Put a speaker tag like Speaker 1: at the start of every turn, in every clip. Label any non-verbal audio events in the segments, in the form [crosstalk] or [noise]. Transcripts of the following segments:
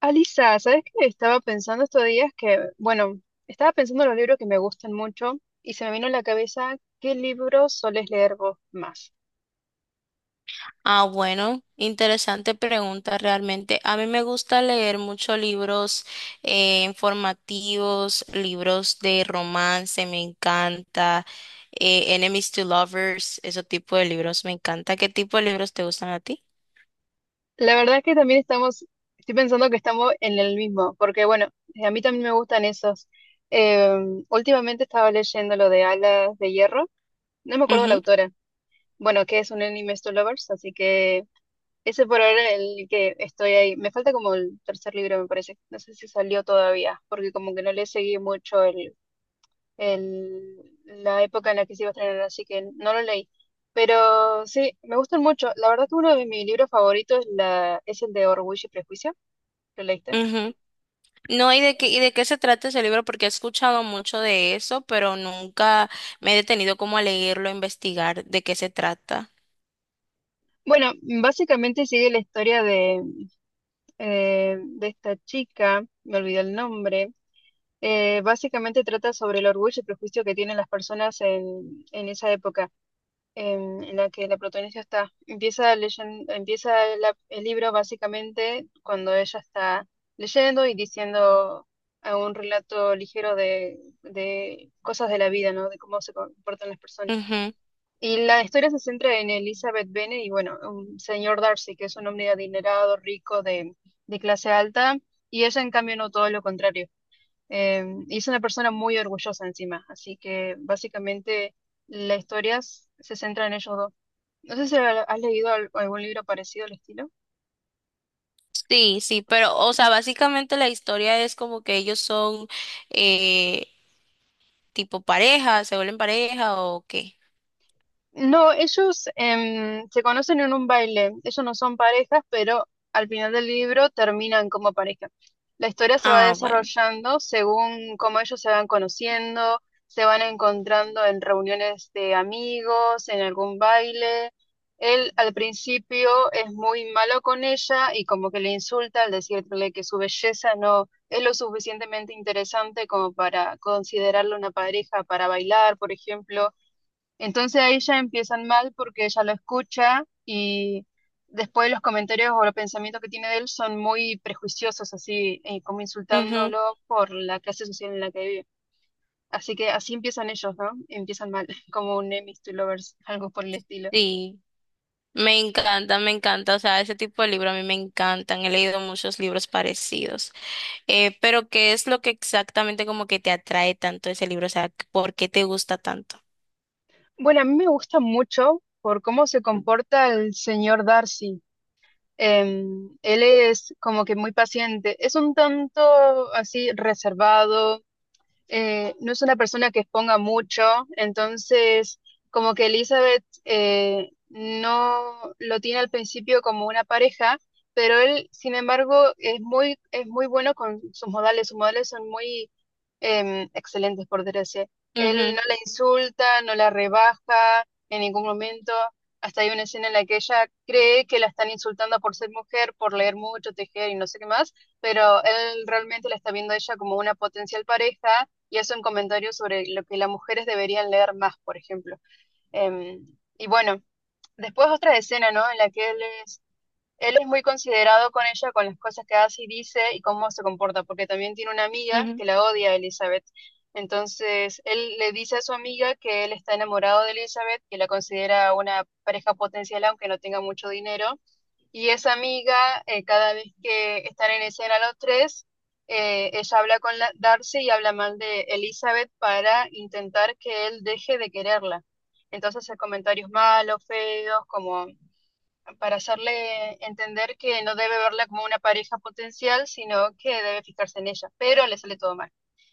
Speaker 1: Alisa, ¿sabes qué? Estaba pensando estos días que, bueno, estaba pensando en los libros que me gustan mucho y se me vino a la cabeza qué libros soles leer vos más.
Speaker 2: Ah, bueno, interesante pregunta realmente. A mí me gusta leer muchos libros informativos, libros de romance, me encanta, Enemies to Lovers, ese tipo de libros me encanta. ¿Qué tipo de libros te gustan a ti?
Speaker 1: La verdad es que también estoy pensando que estamos en el mismo, porque bueno, a mí también me gustan esos. Eh, Últimamente estaba leyendo lo de Alas de Hierro, no me acuerdo la
Speaker 2: Ujú,
Speaker 1: autora, bueno, que es un anime to lovers, así que ese por ahora es el que estoy ahí. Me falta como el tercer libro, me parece. No sé si salió todavía, porque como que no le seguí mucho la época en la que se iba a estrenar, así que no lo leí. Pero sí, me gustan mucho. La verdad que uno de mis libros favoritos es el de Orgullo y Prejuicio. ¿Lo leíste?
Speaker 2: ujú. No, ¿y de qué se trata ese libro? Porque he escuchado mucho de eso, pero nunca me he detenido como a leerlo, a investigar de qué se trata.
Speaker 1: Bueno, básicamente sigue la historia de esta chica, me olvidé el nombre. Básicamente trata sobre el orgullo y prejuicio que tienen las personas en esa época. En la que la protagonista está. Empieza el libro básicamente cuando ella está leyendo y diciendo a un relato ligero de cosas de la vida, ¿no? De cómo se comportan las personas. Y la historia se centra en Elizabeth Bennet y, bueno, un señor Darcy, que es un hombre adinerado, rico, de clase alta, y ella, en cambio, no todo lo contrario. Y es una persona muy orgullosa encima, así que básicamente la historia se centra en ellos dos. No sé si has leído algún libro parecido al estilo.
Speaker 2: Sí, sí, pero, o sea, básicamente la historia es como que ellos son eh, tipo pareja, se vuelven pareja o qué.
Speaker 1: No, ellos se conocen en un baile. Ellos no son parejas, pero al final del libro terminan como pareja. La historia se va
Speaker 2: Ah, bueno.
Speaker 1: desarrollando según cómo ellos se van conociendo, se van encontrando en reuniones de amigos, en algún baile. Él al principio es muy malo con ella y como que le insulta al decirle que su belleza no es lo suficientemente interesante como para considerarla una pareja para bailar, por ejemplo, entonces ahí ya empiezan mal porque ella lo escucha y después los comentarios o los pensamientos que tiene de él son muy prejuiciosos, así como
Speaker 2: Ujú.
Speaker 1: insultándolo por la clase social en la que vive. Así que así empiezan ellos, ¿no? Empiezan mal, [laughs] como un enemies to lovers, algo por el estilo.
Speaker 2: Sí, me encanta, o sea, ese tipo de libros a mí me encantan, he leído muchos libros parecidos, pero ¿qué es lo que exactamente como que te atrae tanto ese libro? O sea, ¿por qué te gusta tanto?
Speaker 1: Bueno, a mí me gusta mucho por cómo se comporta el señor Darcy. Él es como que muy paciente, es un tanto así reservado, no es una persona que exponga mucho, entonces como que Elizabeth no lo tiene al principio como una pareja, pero él, sin embargo, es muy bueno con sus modales son muy excelentes, por decirse. Él
Speaker 2: Ujú,
Speaker 1: no la insulta, no la rebaja en ningún momento. Hasta hay una escena en la que ella cree que la están insultando por ser mujer, por leer mucho, tejer y no sé qué más, pero él realmente la está viendo a ella como una potencial pareja y hace un comentario sobre lo que las mujeres deberían leer más, por ejemplo. Eh, y bueno, después otra escena, ¿no? En la que es, él es muy considerado con ella, con las cosas que hace y dice y cómo se comporta, porque también tiene una amiga
Speaker 2: ujú.
Speaker 1: que la odia a Elizabeth. Entonces, él le dice a su amiga que él está enamorado de Elizabeth, que la considera una pareja potencial aunque no tenga mucho dinero, y esa amiga, cada vez que están en escena los tres, ella habla con Darcy y habla mal de Elizabeth para intentar que él deje de quererla. Entonces hace comentarios malos, feos, como para hacerle entender que no debe verla como una pareja potencial, sino que debe fijarse en ella, pero le sale todo mal.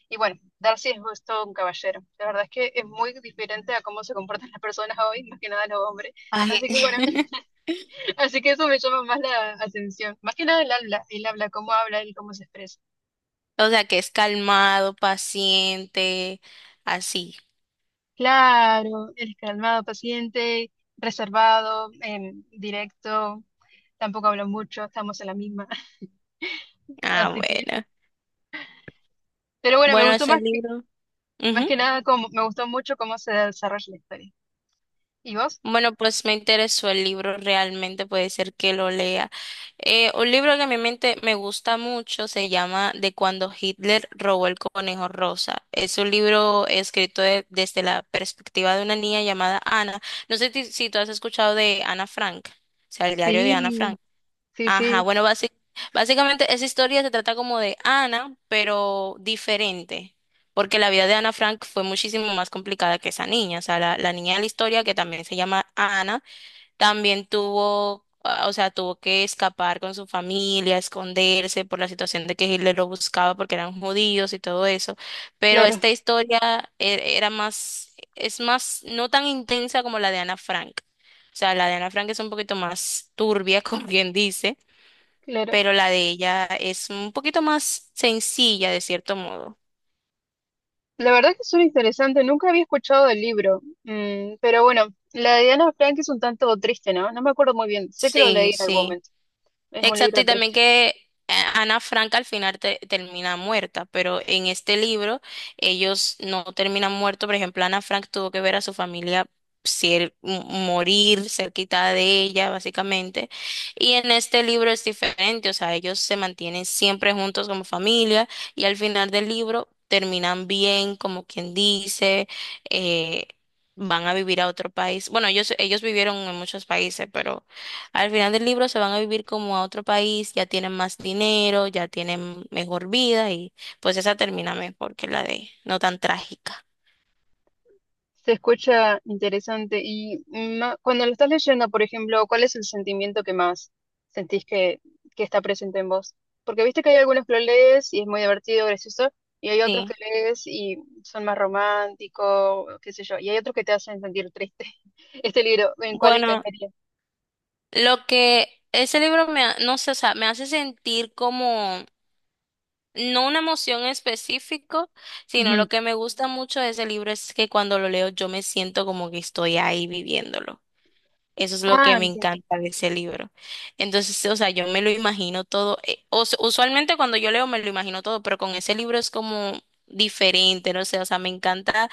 Speaker 1: Y bueno, Darcy es todo un caballero. La verdad es que es muy diferente a cómo se comportan las personas hoy, más que nada los hombres.
Speaker 2: Ay,
Speaker 1: Así que bueno.
Speaker 2: [laughs]
Speaker 1: Así que eso me llama más la atención. Más que nada el habla, cómo habla y cómo se expresa.
Speaker 2: o sea, que es calmado, paciente, así.
Speaker 1: Claro, es calmado, paciente, reservado, directo, tampoco habla mucho, estamos en la misma. [laughs]
Speaker 2: Ah,
Speaker 1: Así que,
Speaker 2: bueno.
Speaker 1: pero bueno, me
Speaker 2: Bueno,
Speaker 1: gustó
Speaker 2: ese libro.
Speaker 1: más
Speaker 2: Ujú.
Speaker 1: que nada como me gustó mucho cómo se desarrolla la historia. ¿Y vos?
Speaker 2: Bueno, pues me interesó el libro, realmente puede ser que lo lea. Un libro que a mi mente me gusta mucho se llama De cuando Hitler robó el conejo rosa. Es un libro escrito desde la perspectiva de una niña llamada Ana. No sé si tú has escuchado de Ana Frank, o sea, el diario de Ana
Speaker 1: Sí,
Speaker 2: Frank.
Speaker 1: sí,
Speaker 2: Ajá,
Speaker 1: sí,
Speaker 2: bueno, básicamente esa historia se trata como de Ana, pero diferente, porque la vida de Ana Frank fue muchísimo más complicada que esa niña, o sea, la niña de la historia, que también se llama Ana, también tuvo, ah, o sea, tuvo que escapar con su familia, esconderse por la situación de que Hitler lo buscaba porque eran judíos y todo eso, pero
Speaker 1: claro,
Speaker 2: esta historia era más, es más, no tan intensa como la de Ana Frank. O sea, la de Ana Frank es un poquito más turbia, [laughs] como quien dice,
Speaker 1: claro.
Speaker 2: pero la de ella es un poquito más sencilla de cierto modo.
Speaker 1: La verdad que suena interesante, nunca había escuchado el libro, Mm, pero bueno, la de Ana Frank es un tanto triste, ¿no? No me acuerdo muy bien, sé que lo leí
Speaker 2: Sí,
Speaker 1: en algún
Speaker 2: sí.
Speaker 1: momento. Es un
Speaker 2: Exacto,
Speaker 1: libro
Speaker 2: y también
Speaker 1: triste.
Speaker 2: que Ana Frank al final termina muerta, pero en este libro ellos no terminan muertos. Por ejemplo, Ana Frank tuvo que ver a su familia morir cerquita de ella, básicamente. Y en este libro es diferente, o sea, ellos se mantienen siempre juntos como familia y al final del libro terminan bien, como quien dice, eh, van a vivir a otro país. Bueno, ellos vivieron en muchos países, pero al final del libro se van a vivir como a otro país, ya tienen más dinero, ya tienen mejor vida y pues esa termina mejor que la de no tan trágica.
Speaker 1: Se escucha interesante. Y cuando lo estás leyendo, por ejemplo, ¿cuál es el sentimiento que más sentís que, que está presente en vos? Porque viste que hay algunos que lo lees y es muy divertido, gracioso, y hay otros que
Speaker 2: Sí.
Speaker 1: lees y son más románticos, qué sé yo, y hay otros que te hacen sentir triste. [laughs] Este libro, ¿en cuál
Speaker 2: Bueno,
Speaker 1: encajaría?
Speaker 2: lo que ese libro me, ha- no sé, o sea, me hace sentir como no una emoción en específico, sino
Speaker 1: Ujú.
Speaker 2: lo que me gusta mucho de ese libro es que cuando lo leo yo me siento como que estoy ahí viviéndolo. Eso es lo que
Speaker 1: Ah,
Speaker 2: me
Speaker 1: entiendo.
Speaker 2: encanta de ese libro. Entonces, o sea, yo me lo imagino todo. Usualmente cuando yo leo me lo imagino todo, pero con ese libro es como diferente, no sé, o sea,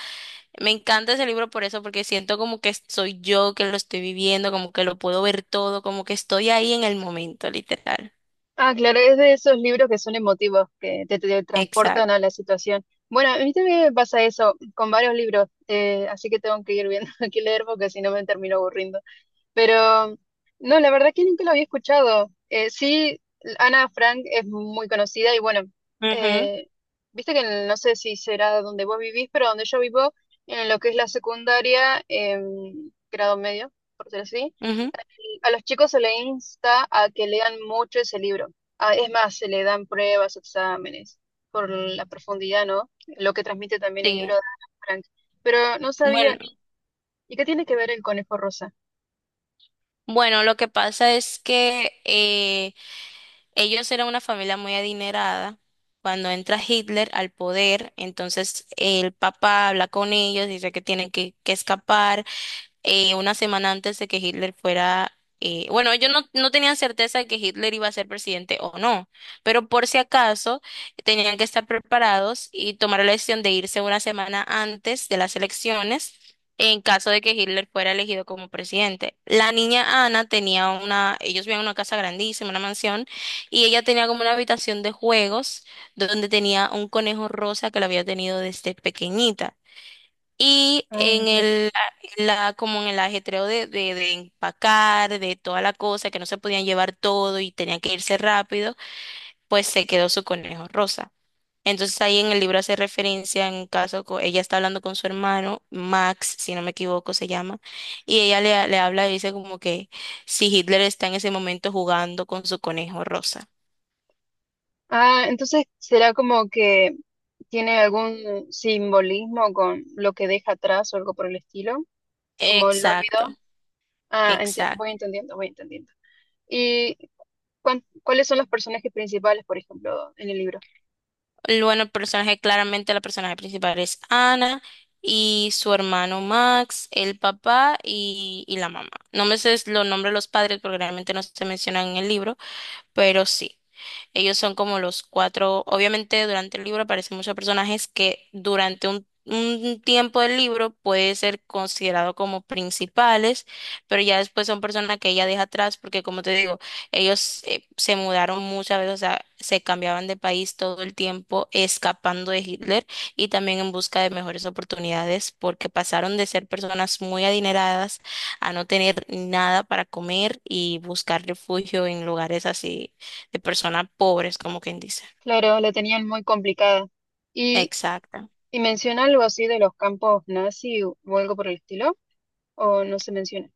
Speaker 2: me encanta ese libro por eso, porque siento como que soy yo que lo estoy viviendo, como que lo puedo ver todo, como que estoy ahí en el momento, literal.
Speaker 1: Ah, claro, es de esos libros que son emotivos, te transportan
Speaker 2: Exacto.
Speaker 1: a la situación. Bueno, a mí también me pasa eso con varios libros, así que tengo que ir viendo [laughs] qué leer porque si no me termino aburriendo. Pero no, la verdad que nunca lo había escuchado. Sí, Ana Frank es muy conocida y bueno,
Speaker 2: Ujú,
Speaker 1: eh, viste que no sé si será donde vos vivís, pero donde yo vivo, en lo que es la secundaria, grado medio, por decir así,
Speaker 2: ujú,
Speaker 1: a los chicos se les insta a que lean mucho ese libro. Ah, es más, se le dan pruebas, exámenes, por la profundidad, ¿no? Lo que transmite también el libro de
Speaker 2: sí.
Speaker 1: Ana Frank. Pero no sabía,
Speaker 2: Bueno,
Speaker 1: ¿y qué tiene que ver el conejo rosa?
Speaker 2: bueno, lo que pasa es que ellos eran una familia muy adinerada. Cuando entra Hitler al poder, entonces el papá habla con ellos, dice que tienen que escapar una semana antes de que Hitler fuera, bueno, ellos no tenían certeza de que Hitler iba a ser presidente o no, pero por si acaso tenían que estar preparados y tomar la decisión de irse una semana antes de las elecciones en caso de que Hitler fuera elegido como presidente. La niña Ana tenía una, ellos vivían en una casa grandísima, una mansión, y ella tenía como una habitación de juegos donde tenía un conejo rosa que la había tenido desde pequeñita. Y
Speaker 1: Ah,
Speaker 2: en como en el ajetreo de empacar, de toda la cosa, que no se podían llevar todo y tenían que irse rápido, pues se quedó su conejo rosa. Entonces ahí en el libro hace referencia, en un caso, ella está hablando con su hermano, Max, si no me equivoco se llama, y ella le habla y dice como que si Hitler está en ese momento jugando con su conejo rosa.
Speaker 1: ah, entonces será como que tiene algún simbolismo con lo que deja atrás o algo por el estilo, como lo olvidó.
Speaker 2: Exacto,
Speaker 1: Ah, voy
Speaker 2: exacto.
Speaker 1: entendiendo, voy entendiendo. ¿Y cuáles son los personajes principales, por ejemplo, en el libro?
Speaker 2: Bueno, el personaje, claramente la personaje principal es Ana y su hermano Max, el papá y la mamá. No me sé los nombres de los padres porque realmente no se mencionan en el libro, pero sí. Ellos son como los cuatro, obviamente durante el libro aparecen muchos personajes que durante un tiempo del libro puede ser considerado como principales, pero ya después son personas que ella deja atrás porque como te digo, ellos se mudaron muchas veces, o sea, se cambiaban de país todo el tiempo escapando de Hitler y también en busca de mejores oportunidades porque pasaron de ser personas muy adineradas a no tener nada para comer y buscar refugio en lugares así de personas pobres, como quien dice.
Speaker 1: Claro, la tenían muy complicada. ¿Y,
Speaker 2: Exacto.
Speaker 1: y menciona algo así de los campos nazi o algo por el estilo? ¿O no se menciona?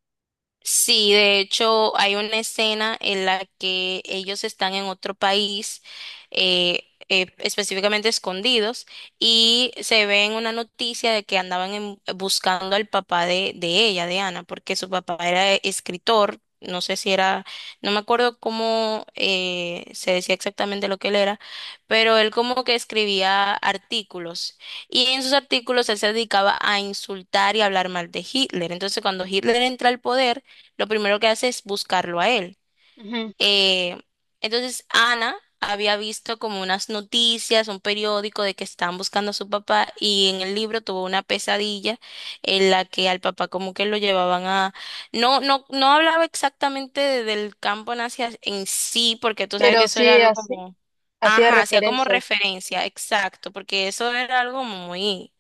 Speaker 2: Sí, de hecho hay una escena en la que ellos están en otro país, específicamente escondidos, y se ve en una noticia de que andaban buscando al papá de ella, de Ana, porque su papá era escritor, no sé si era, no me acuerdo cómo se decía exactamente lo que él era, pero él como que escribía artículos. Y en sus artículos él se dedicaba a insultar y hablar mal de Hitler. Entonces, cuando Hitler entra al poder, lo primero que hace es buscarlo a él.
Speaker 1: Ujú.
Speaker 2: Eh, entonces Ana había visto como unas noticias, un periódico de que estaban buscando a su papá y en el libro tuvo una pesadilla en la que al papá como que lo llevaban a... No hablaba exactamente del campo nazi en sí, porque tú sabes que
Speaker 1: Pero
Speaker 2: eso era algo como...
Speaker 1: hacía
Speaker 2: Ajá, hacía como
Speaker 1: referencia.
Speaker 2: referencia, exacto, porque eso era algo muy...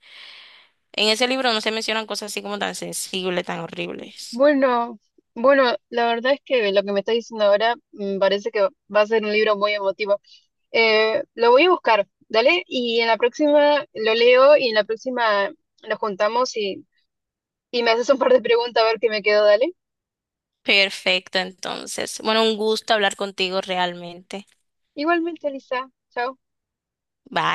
Speaker 2: En ese libro no se mencionan cosas así como tan sensibles, tan horribles.
Speaker 1: Bueno, bueno, la verdad es que lo que me estás diciendo ahora, mm, parece que va a ser un libro muy emotivo. Lo voy a buscar, dale, y en la próxima lo leo y en la próxima nos juntamos y me haces un par de preguntas a ver qué me quedo, dale.
Speaker 2: Perfecto, entonces. Bueno, un gusto hablar contigo realmente.
Speaker 1: Igualmente, Lisa, chao.
Speaker 2: Bye.